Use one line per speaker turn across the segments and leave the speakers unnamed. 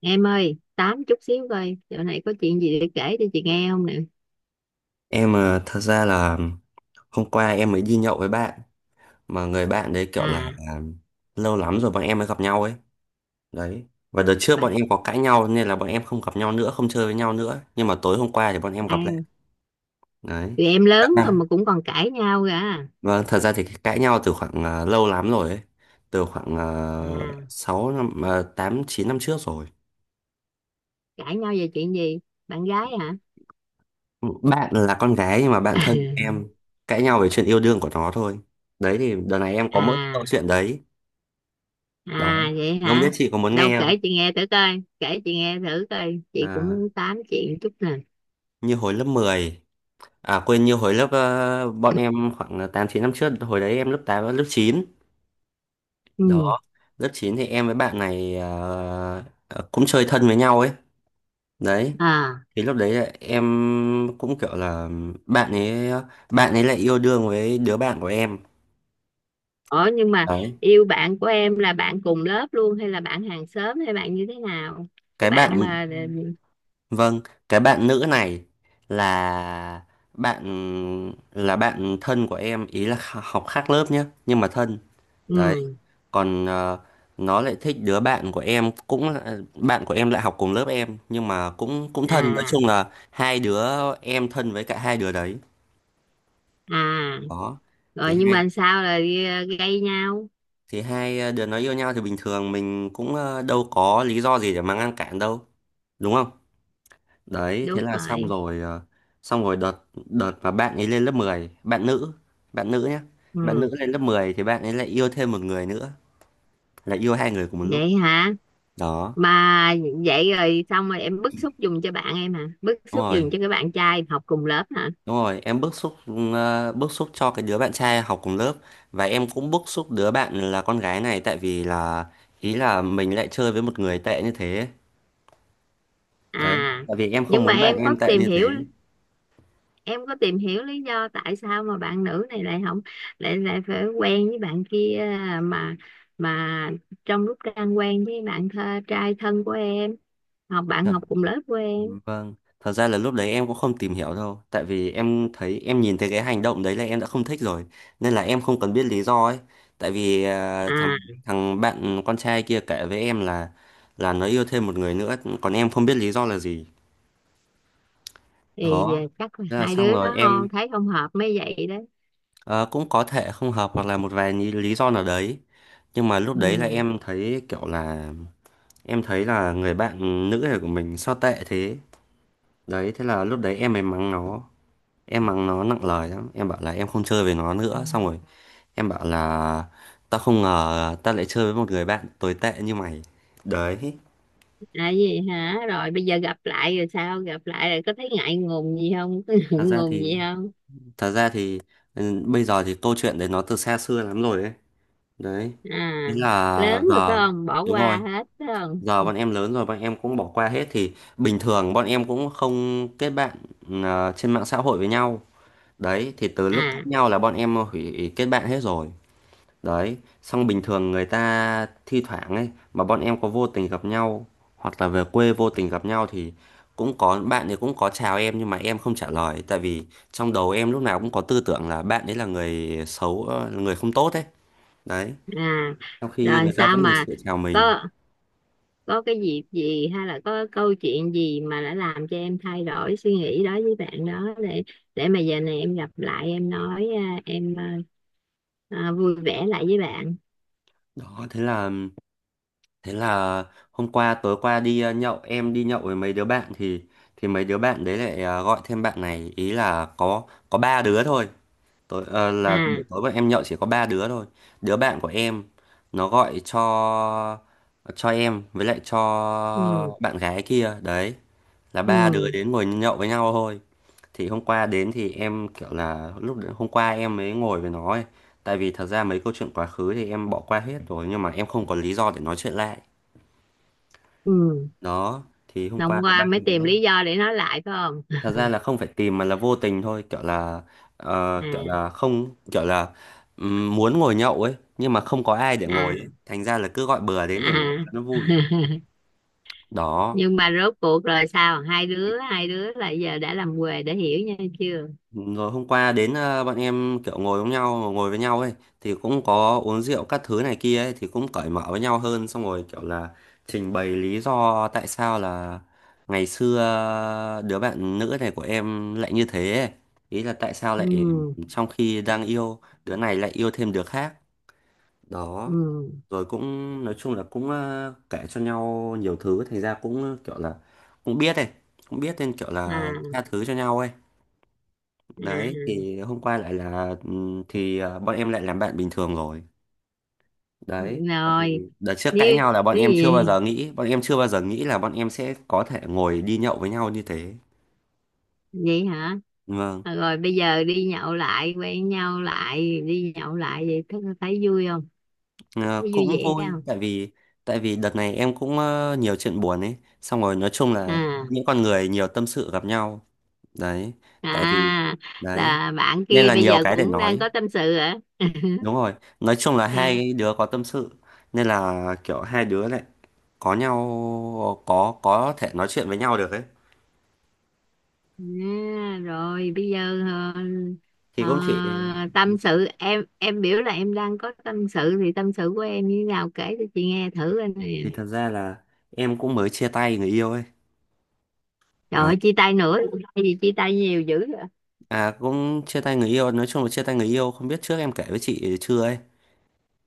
Em ơi, tám chút xíu coi, chỗ này có chuyện gì để kể cho chị nghe không nè.
Em thật ra là hôm qua em mới đi nhậu với bạn mà người bạn đấy kiểu là
À,
à, lâu lắm rồi bọn em mới gặp nhau ấy. Đấy. Và đợt trước
bà,
bọn em có cãi nhau nên là bọn em không gặp nhau nữa, không chơi với nhau nữa. Nhưng mà tối hôm qua thì bọn em
à,
gặp lại. Đấy.
tụi em
Các
lớn rồi
bạn.
mà cũng còn cãi nhau cả. À,
Vâng, thật ra thì cái cãi nhau từ khoảng lâu lắm rồi ấy. Từ khoảng
À,
6 năm, 8 9 năm trước rồi.
cãi nhau về chuyện gì? Bạn gái hả?
Bạn là con gái nhưng mà bạn thân của em, cãi nhau về chuyện yêu đương của nó thôi. Đấy, thì đợt này em có mỗi câu
À,
chuyện đấy đó,
à, vậy
không biết
hả?
chị có muốn
Đâu
nghe
kể
không.
chị nghe thử coi, kể chị nghe thử coi. Chị cũng
À,
muốn tám chuyện chút nè.
như hồi lớp mười, à quên, như hồi lớp bọn em khoảng 8 9 năm trước, hồi đấy em lớp 8 và lớp 9
Ừ,
đó. Lớp 9 thì em với bạn này, cũng chơi thân với nhau ấy. Đấy,
à,
thì lúc đấy là em cũng kiểu là bạn ấy bạn ấy lại yêu đương với đứa bạn của em.
ủa nhưng mà
Đấy,
yêu bạn của em là bạn cùng lớp luôn hay là bạn hàng xóm hay bạn như thế nào? Cái
cái
bạn
bạn.
mà,
Vâng, cái bạn nữ này là bạn là bạn thân của em, ý là học khác lớp nhá, nhưng mà thân. Đấy,
ừ,
còn nó lại thích đứa bạn của em, bạn của em lại học cùng lớp em nhưng mà cũng cũng thân, nói
à,
chung là hai đứa em thân với cả hai đứa đấy.
à.
Đó. Thì
Rồi nhưng
hai
mà sao là gây nhau.
thì hai đứa nó yêu nhau thì bình thường mình cũng đâu có lý do gì để mà ngăn cản đâu, đúng không? Đấy, thế
Đúng
là xong
rồi.
rồi, xong rồi đợt đợt mà bạn ấy lên lớp mười, bạn nữ nhé. Bạn nữ
Ừ.
lên lớp 10 thì bạn ấy lại yêu thêm một người nữa, là yêu hai người cùng một lúc.
Vậy hả?
Đó,
Mà vậy rồi xong rồi em bức xúc dùng cho bạn em hả, bức
đúng
xúc
rồi.
dùng cho cái bạn trai học cùng lớp hả?
Đúng rồi, em bức xúc, bức xúc cho cái đứa bạn trai học cùng lớp và em cũng bức xúc đứa bạn là con gái này, tại vì là ý là mình lại chơi với một người tệ như thế.
À,
Đấy, tại vì em không
nhưng mà
muốn bạn
em
em
có
tệ
tìm
như
hiểu em có tìm hiểu lý do tại sao mà bạn nữ này lại không, lại lại phải quen với bạn kia, mà mà trong lúc đang quen với bạn trai thân của em, bạn
thế.
học cùng lớp của em.
Vâng, thật ra là lúc đấy em cũng không tìm hiểu đâu, tại vì em thấy, em nhìn thấy cái hành động đấy là em đã không thích rồi, nên là em không cần biết lý do ấy. Tại vì thằng
À,
thằng bạn con trai kia kể với em là nó yêu thêm một người nữa, còn em không biết lý do là gì.
thì
Đó,
chắc là
thế là
hai
xong
đứa
rồi
nó không
em,
thấy không hợp mới vậy đó.
cũng có thể không hợp hoặc là một vài lý lý do nào đấy. Nhưng mà lúc đấy là
Ừ.
em thấy kiểu là em thấy là người bạn nữ này của mình sao tệ thế. Đấy, thế là lúc đấy em mới mắng nó. Em mắng nó nặng lời lắm, em bảo là em không chơi với nó. Ừ. Nữa xong rồi em bảo là tao không ngờ tao lại chơi với một người bạn tồi tệ như mày. Đấy.
À gì hả? Rồi bây giờ gặp lại rồi, sao gặp lại rồi có thấy ngại ngùng gì không, có
thật
ngượng
ra
ngùng gì
thì
không?
thật ra thì bây giờ thì câu chuyện đấy nó từ xa xưa lắm rồi ấy. Đấy, thế
À, lớn
là
rồi phải
giờ,
không, bỏ
đúng
qua
rồi,
hết phải không?
giờ bọn em lớn rồi, bọn em cũng bỏ qua hết thì bình thường bọn em cũng không kết bạn ừ, trên mạng xã hội với nhau. Đấy, thì từ lúc cãi
À,
nhau là bọn em hủy kết bạn hết rồi. Đấy, xong bình thường người ta thi thoảng ấy mà bọn em có vô tình gặp nhau hoặc là về quê vô tình gặp nhau thì cũng có, bạn ấy cũng có chào em nhưng mà em không trả lời, tại vì trong đầu em lúc nào cũng có tư tưởng là bạn ấy là người xấu, người không tốt ấy. Đấy,
à,
trong khi
rồi
người ta
sao
vẫn lịch
mà
sự chào mình.
có có cái dịp gì hay là có câu chuyện gì mà đã làm cho em thay đổi suy nghĩ đó với bạn đó, để mà giờ này em gặp lại em nói à, em à, à, vui vẻ lại với bạn.
Đó, thế là hôm qua, tối qua đi nhậu, em đi nhậu với mấy đứa bạn thì, mấy đứa bạn đấy lại gọi thêm bạn này, ý là có, ba đứa thôi. Tối, là
À,
buổi tối bọn em nhậu chỉ có ba đứa thôi. Đứa bạn của em nó gọi cho, em với lại cho
ừ,
bạn gái kia đấy, là ba đứa
ừ,
đến ngồi nhậu với nhau thôi. Thì hôm qua đến thì em kiểu là, hôm qua em mới ngồi với nó ấy. Tại vì thật ra mấy câu chuyện quá khứ thì em bỏ qua hết rồi nhưng mà em không có lý do để nói chuyện lại.
ừ,
Đó, thì hôm qua
hôm
là ba
qua mới tìm
đứa,
lý do để nói lại phải không?
thật ra là không phải tìm mà là vô tình thôi, kiểu là
À,
kiểu là không, kiểu là muốn ngồi nhậu ấy nhưng mà không có ai để ngồi ấy,
à,
thành ra là cứ gọi bừa
à,
đến để ngồi cho nó vui. Đó.
nhưng mà rốt cuộc rồi sao, hai đứa là giờ đã làm quề để hiểu nhau chưa?
Rồi hôm qua đến, bọn em kiểu ngồi với nhau ấy, thì cũng có uống rượu các thứ này kia ấy thì cũng cởi mở với nhau hơn, xong rồi kiểu là trình bày lý do tại sao là ngày xưa đứa bạn nữ này của em lại như thế ấy. Ý là tại sao
Ừ,
lại trong khi đang yêu đứa này lại yêu thêm đứa khác, đó.
ừ,
Rồi cũng, nói chung là cũng kể cho nhau nhiều thứ, thành ra cũng kiểu là cũng biết ấy, cũng biết nên kiểu là
à,
tha thứ cho nhau ấy.
à,
Đấy,
à.
thì hôm qua lại là, thì bọn em lại làm bạn bình thường rồi. Đấy, tại
Rồi
vì đợt trước
như
cãi nhau là bọn
cái
em chưa bao
gì
giờ nghĩ bọn em chưa bao giờ nghĩ là bọn em sẽ có thể ngồi đi nhậu với nhau như thế.
vậy hả?
Vâng.
À, rồi bây giờ đi nhậu lại, quen nhau lại đi nhậu lại, vậy thấy thấy vui không,
À,
thấy vui
cũng
vẻ
vui
không?
tại vì, đợt này em cũng nhiều chuyện buồn ấy, xong rồi nói chung là
À,
những con người nhiều tâm sự gặp nhau đấy. Tại vì
à,
đấy
là bạn
nên
kia
là
bây
nhiều
giờ
cái để
cũng đang
nói,
có tâm sự hả?
đúng rồi, nói chung là
À,
hai đứa có tâm sự nên là kiểu hai đứa lại có nhau, có thể nói chuyện với nhau được ấy.
À, rồi bây giờ
Thì
ờ,
cũng chỉ
tâm sự, em biểu là em đang có tâm sự thì tâm sự của em như thế nào, kể cho chị nghe thử anh nè.
vì thật ra là em cũng mới chia tay người yêu ấy.
Trời
Đấy.
ơi, chia tay nữa. Hay gì chia tay nhiều dữ vậy?
À, cũng chia tay người yêu, nói chung là chia tay người yêu, không biết trước em kể với chị chưa ấy.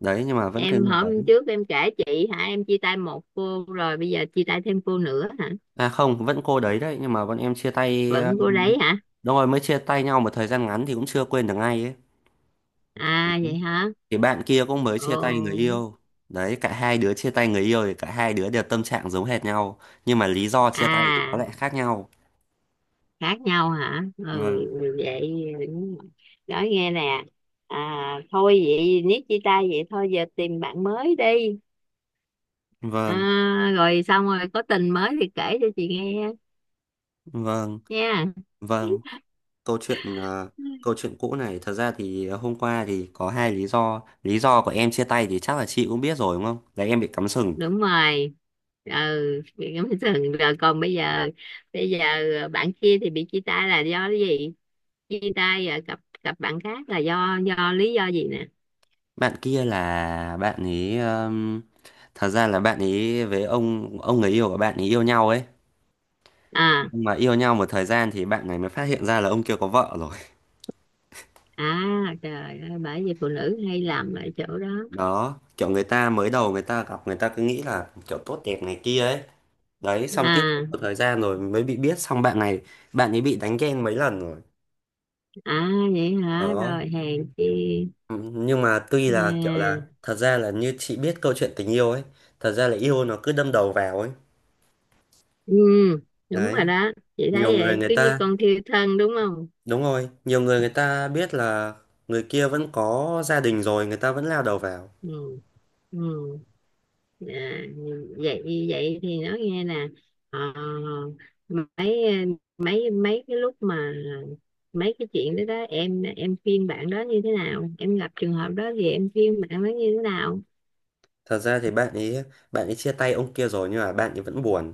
Đấy nhưng mà vẫn cái
Em
người đấy.
hôm trước em kể chị hả, em chia tay một cô rồi bây giờ chia tay thêm cô nữa hả?
À không, vẫn cô đấy đấy, nhưng mà bọn em chia tay,
Vẫn cô đấy hả?
đúng rồi, mới chia tay nhau một thời gian ngắn thì cũng chưa quên được ngay ấy.
À vậy hả?
Thì bạn kia cũng mới
Ồ.
chia tay người yêu. Đấy, cả hai đứa chia tay người yêu thì cả hai đứa đều tâm trạng giống hệt nhau, nhưng mà lý do chia tay thì nó
À
lại khác nhau.
khác nhau hả?
Vâng,
Ừ vậy. Đúng, nói nghe nè. À, thôi vậy nếu chia tay vậy thôi giờ tìm bạn mới đi. À,
vâng,
rồi xong rồi có tình mới thì kể cho chị nghe
vâng,
nha.
vâng, câu chuyện câu chuyện cũ này, thật ra thì hôm qua thì có hai lý do. Lý do của em chia tay thì chắc là chị cũng biết rồi đúng không? Là em bị cắm sừng.
Đúng rồi. Ừ. Thường rồi, còn bây giờ bạn kia thì bị chia tay là do cái gì? Chia tay rồi cặp cặp bạn khác là do lý do gì nè?
Bạn kia là bạn ấy, thật ra là bạn ấy với ông người yêu của bạn ấy yêu nhau ấy.
À,
Nhưng mà yêu nhau một thời gian thì bạn này mới phát hiện ra là ông kia có vợ rồi.
à, trời ơi, bởi vì phụ nữ hay làm ở chỗ đó.
Đó, kiểu người ta mới đầu người ta gặp người ta cứ nghĩ là kiểu tốt đẹp này kia ấy. Đấy, xong tiếp
À,
một thời gian rồi mới bị biết, xong bạn này, bạn ấy bị đánh ghen mấy lần rồi.
à, vậy hả,
Đó.
rồi hèn chi.
Ừ, nhưng mà tuy là kiểu là
À,
thật ra là như chị biết câu chuyện tình yêu ấy, thật ra là yêu nó cứ đâm đầu vào ấy.
ừ, đúng
Đấy,
rồi đó. Chị
nhiều
thấy
người
vậy
người
cứ như
ta,
con thiêu thân đúng không?
đúng rồi, nhiều người người ta biết là người kia vẫn có gia đình rồi người ta vẫn lao đầu vào.
Ừ, ừ, à, vậy vậy thì nói nghe nè. ờ, mấy mấy mấy cái lúc mà mấy cái chuyện đó đó em khuyên bạn đó như thế nào, em gặp trường hợp đó thì em khuyên bạn đó như thế nào?
Thật ra thì bạn ấy chia tay ông kia rồi nhưng mà bạn ấy vẫn buồn,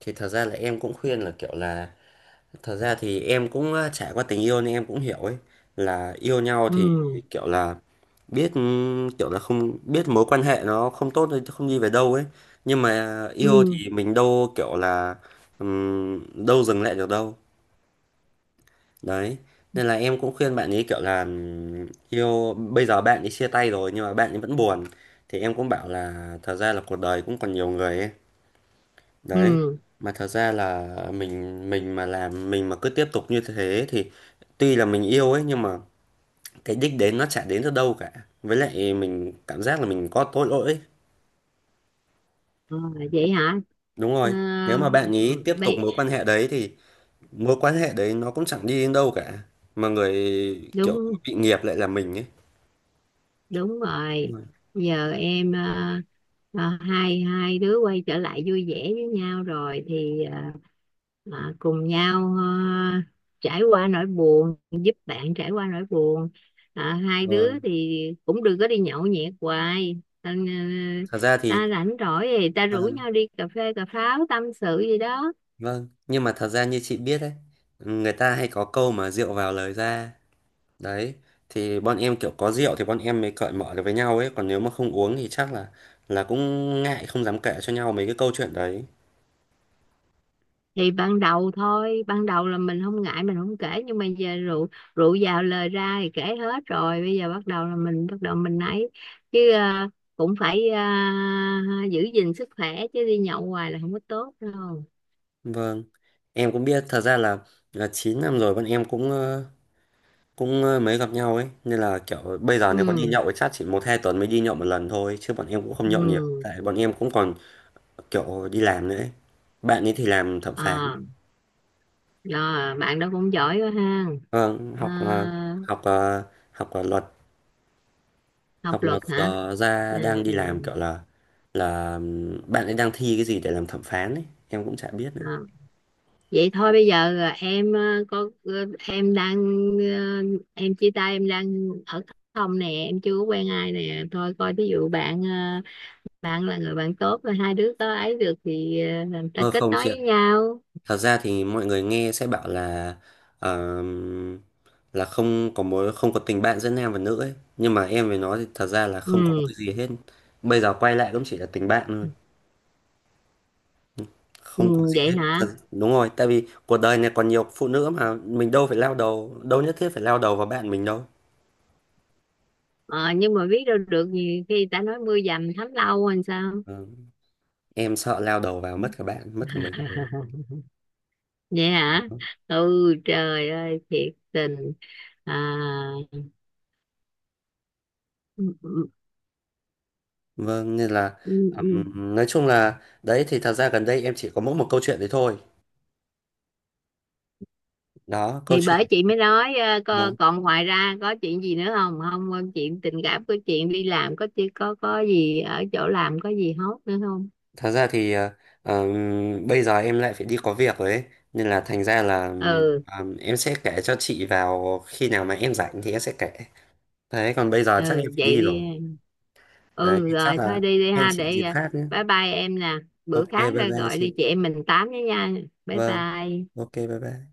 thì thật ra là em cũng khuyên là kiểu là, thật ra thì em cũng trải qua tình yêu nên em cũng hiểu ấy, là yêu nhau thì
Ừ,
kiểu là biết, kiểu là không biết mối quan hệ nó không tốt thì không đi về đâu ấy, nhưng mà
ừ,
yêu thì mình đâu kiểu là, đâu dừng lại được đâu. Đấy, nên là em cũng khuyên bạn ấy kiểu là, yêu bây giờ bạn ấy chia tay rồi nhưng mà bạn ấy vẫn buồn, thì em cũng bảo là thật ra là cuộc đời cũng còn nhiều người ấy. Đấy,
ừ.
mà thật ra là mình mà cứ tiếp tục như thế thì tuy là mình yêu ấy nhưng mà cái đích đến nó chả đến được đâu cả, với lại mình cảm giác là mình có tội lỗi ấy.
Ờ, vậy hả.
Đúng
Ờ,
rồi, nếu mà bạn ý tiếp tục
bây
mối quan hệ đấy thì mối quan hệ đấy nó cũng chẳng đi đến đâu cả, mà người kiểu
đúng
bị nghiệp lại là mình ấy.
đúng rồi. Giờ em hai hai đứa quay trở lại vui vẻ với nhau rồi thì cùng nhau trải qua nỗi buồn, giúp bạn trải qua nỗi buồn. Ờ, hai đứa
Vâng,
thì cũng đừng có đi nhậu nhẹt hoài ta,
thật ra
ta
thì,
rảnh rỗi thì ta rủ
vâng,
nhau đi cà phê cà pháo tâm sự gì đó.
vâng, nhưng mà thật ra như chị biết đấy, người ta hay có câu mà rượu vào lời ra. Đấy, thì bọn em kiểu có rượu thì bọn em mới cởi mở được với nhau ấy, còn nếu mà không uống thì chắc là cũng ngại không dám kể cho nhau mấy cái câu chuyện đấy.
Thì ban đầu thôi, ban đầu là mình không ngại mình không kể nhưng mà giờ rượu rượu vào lời ra thì kể hết rồi, bây giờ bắt đầu là mình bắt đầu mình ấy. Chứ cũng phải giữ gìn sức khỏe chứ đi nhậu hoài là không có tốt đâu.
Vâng. Em cũng biết thật ra là, 9 năm rồi bọn em cũng cũng mới gặp nhau ấy, nên là kiểu bây giờ nếu có đi
Ừ,
nhậu thì chắc chỉ một hai tuần mới đi nhậu một lần thôi, chứ bọn em cũng không nhậu nhiều,
ừ,
tại bọn em cũng còn kiểu đi làm nữa ấy. Bạn ấy thì làm thẩm phán.
à, rồi bạn đó cũng giỏi quá ha.
Vâng,
Ờ,
học học học luật,
học
học
luật
luật
hả?
giờ ra
Ừ.
đang đi
Ừ.
làm kiểu là bạn ấy đang thi cái gì để làm thẩm phán ấy em cũng chả biết
Ờ.
nữa.
Vậy thôi bây giờ à, em à, có à, em đang à, em chia tay em đang ở không nè, em chưa có quen ai nè thôi coi ví dụ bạn à, bạn là người bạn tốt rồi hai đứa có ấy được thì à, làm ta
Ờ,
kết
không
nối
chị ạ,
với nhau.
thật ra thì mọi người nghe sẽ bảo là, ờm, là không có mối, không có tình bạn giữa nam và nữ ấy, nhưng mà em với nó thì thật ra là không có một
Ừ,
cái gì hết, bây giờ quay lại cũng chỉ là tình bạn thôi,
ừ
không có gì
vậy
hết
hả.
thật, đúng rồi, tại vì cuộc đời này còn nhiều phụ nữ mà mình đâu phải lao đầu đâu, nhất thiết phải lao đầu vào bạn mình đâu.
Ờ, nhưng mà biết đâu được gì khi người ta nói mưa dầm thấm lâu làm sao.
Ờ, em sợ lao đầu vào mất cả bạn mất cả mình.
Vậy hả. Ừ, trời ơi thiệt tình. À, ừ, ừ,
Vâng, nên là
ừ, ừ.
nói chung là đấy thì thật ra gần đây em chỉ có mỗi một câu chuyện đấy thôi. Đó, câu
Thì
chuyện.
bởi chị mới nói
Vâng.
còn ngoài ra có chuyện gì nữa không không chuyện tình cảm, có chuyện đi làm, có có gì ở chỗ làm có gì hốt nữa không?
Thật ra thì bây giờ em lại phải đi có việc rồi ấy. Nên là thành ra là
Ừ,
em sẽ kể cho chị vào khi nào mà em rảnh thì em sẽ kể. Đấy, còn bây giờ chắc em
ừ,
phải
vậy
đi
đi
rồi.
em.
Đấy,
Ừ
chắc
rồi
là
thôi đi đi
hẹn
ha,
chị
để
dịp khác nhé.
bye bye em nè. Bữa
Ok,
khác
bye bye
gọi
chị.
đi chị em mình tám với nha. Bye
Vâng,
bye.
ok, bye bye.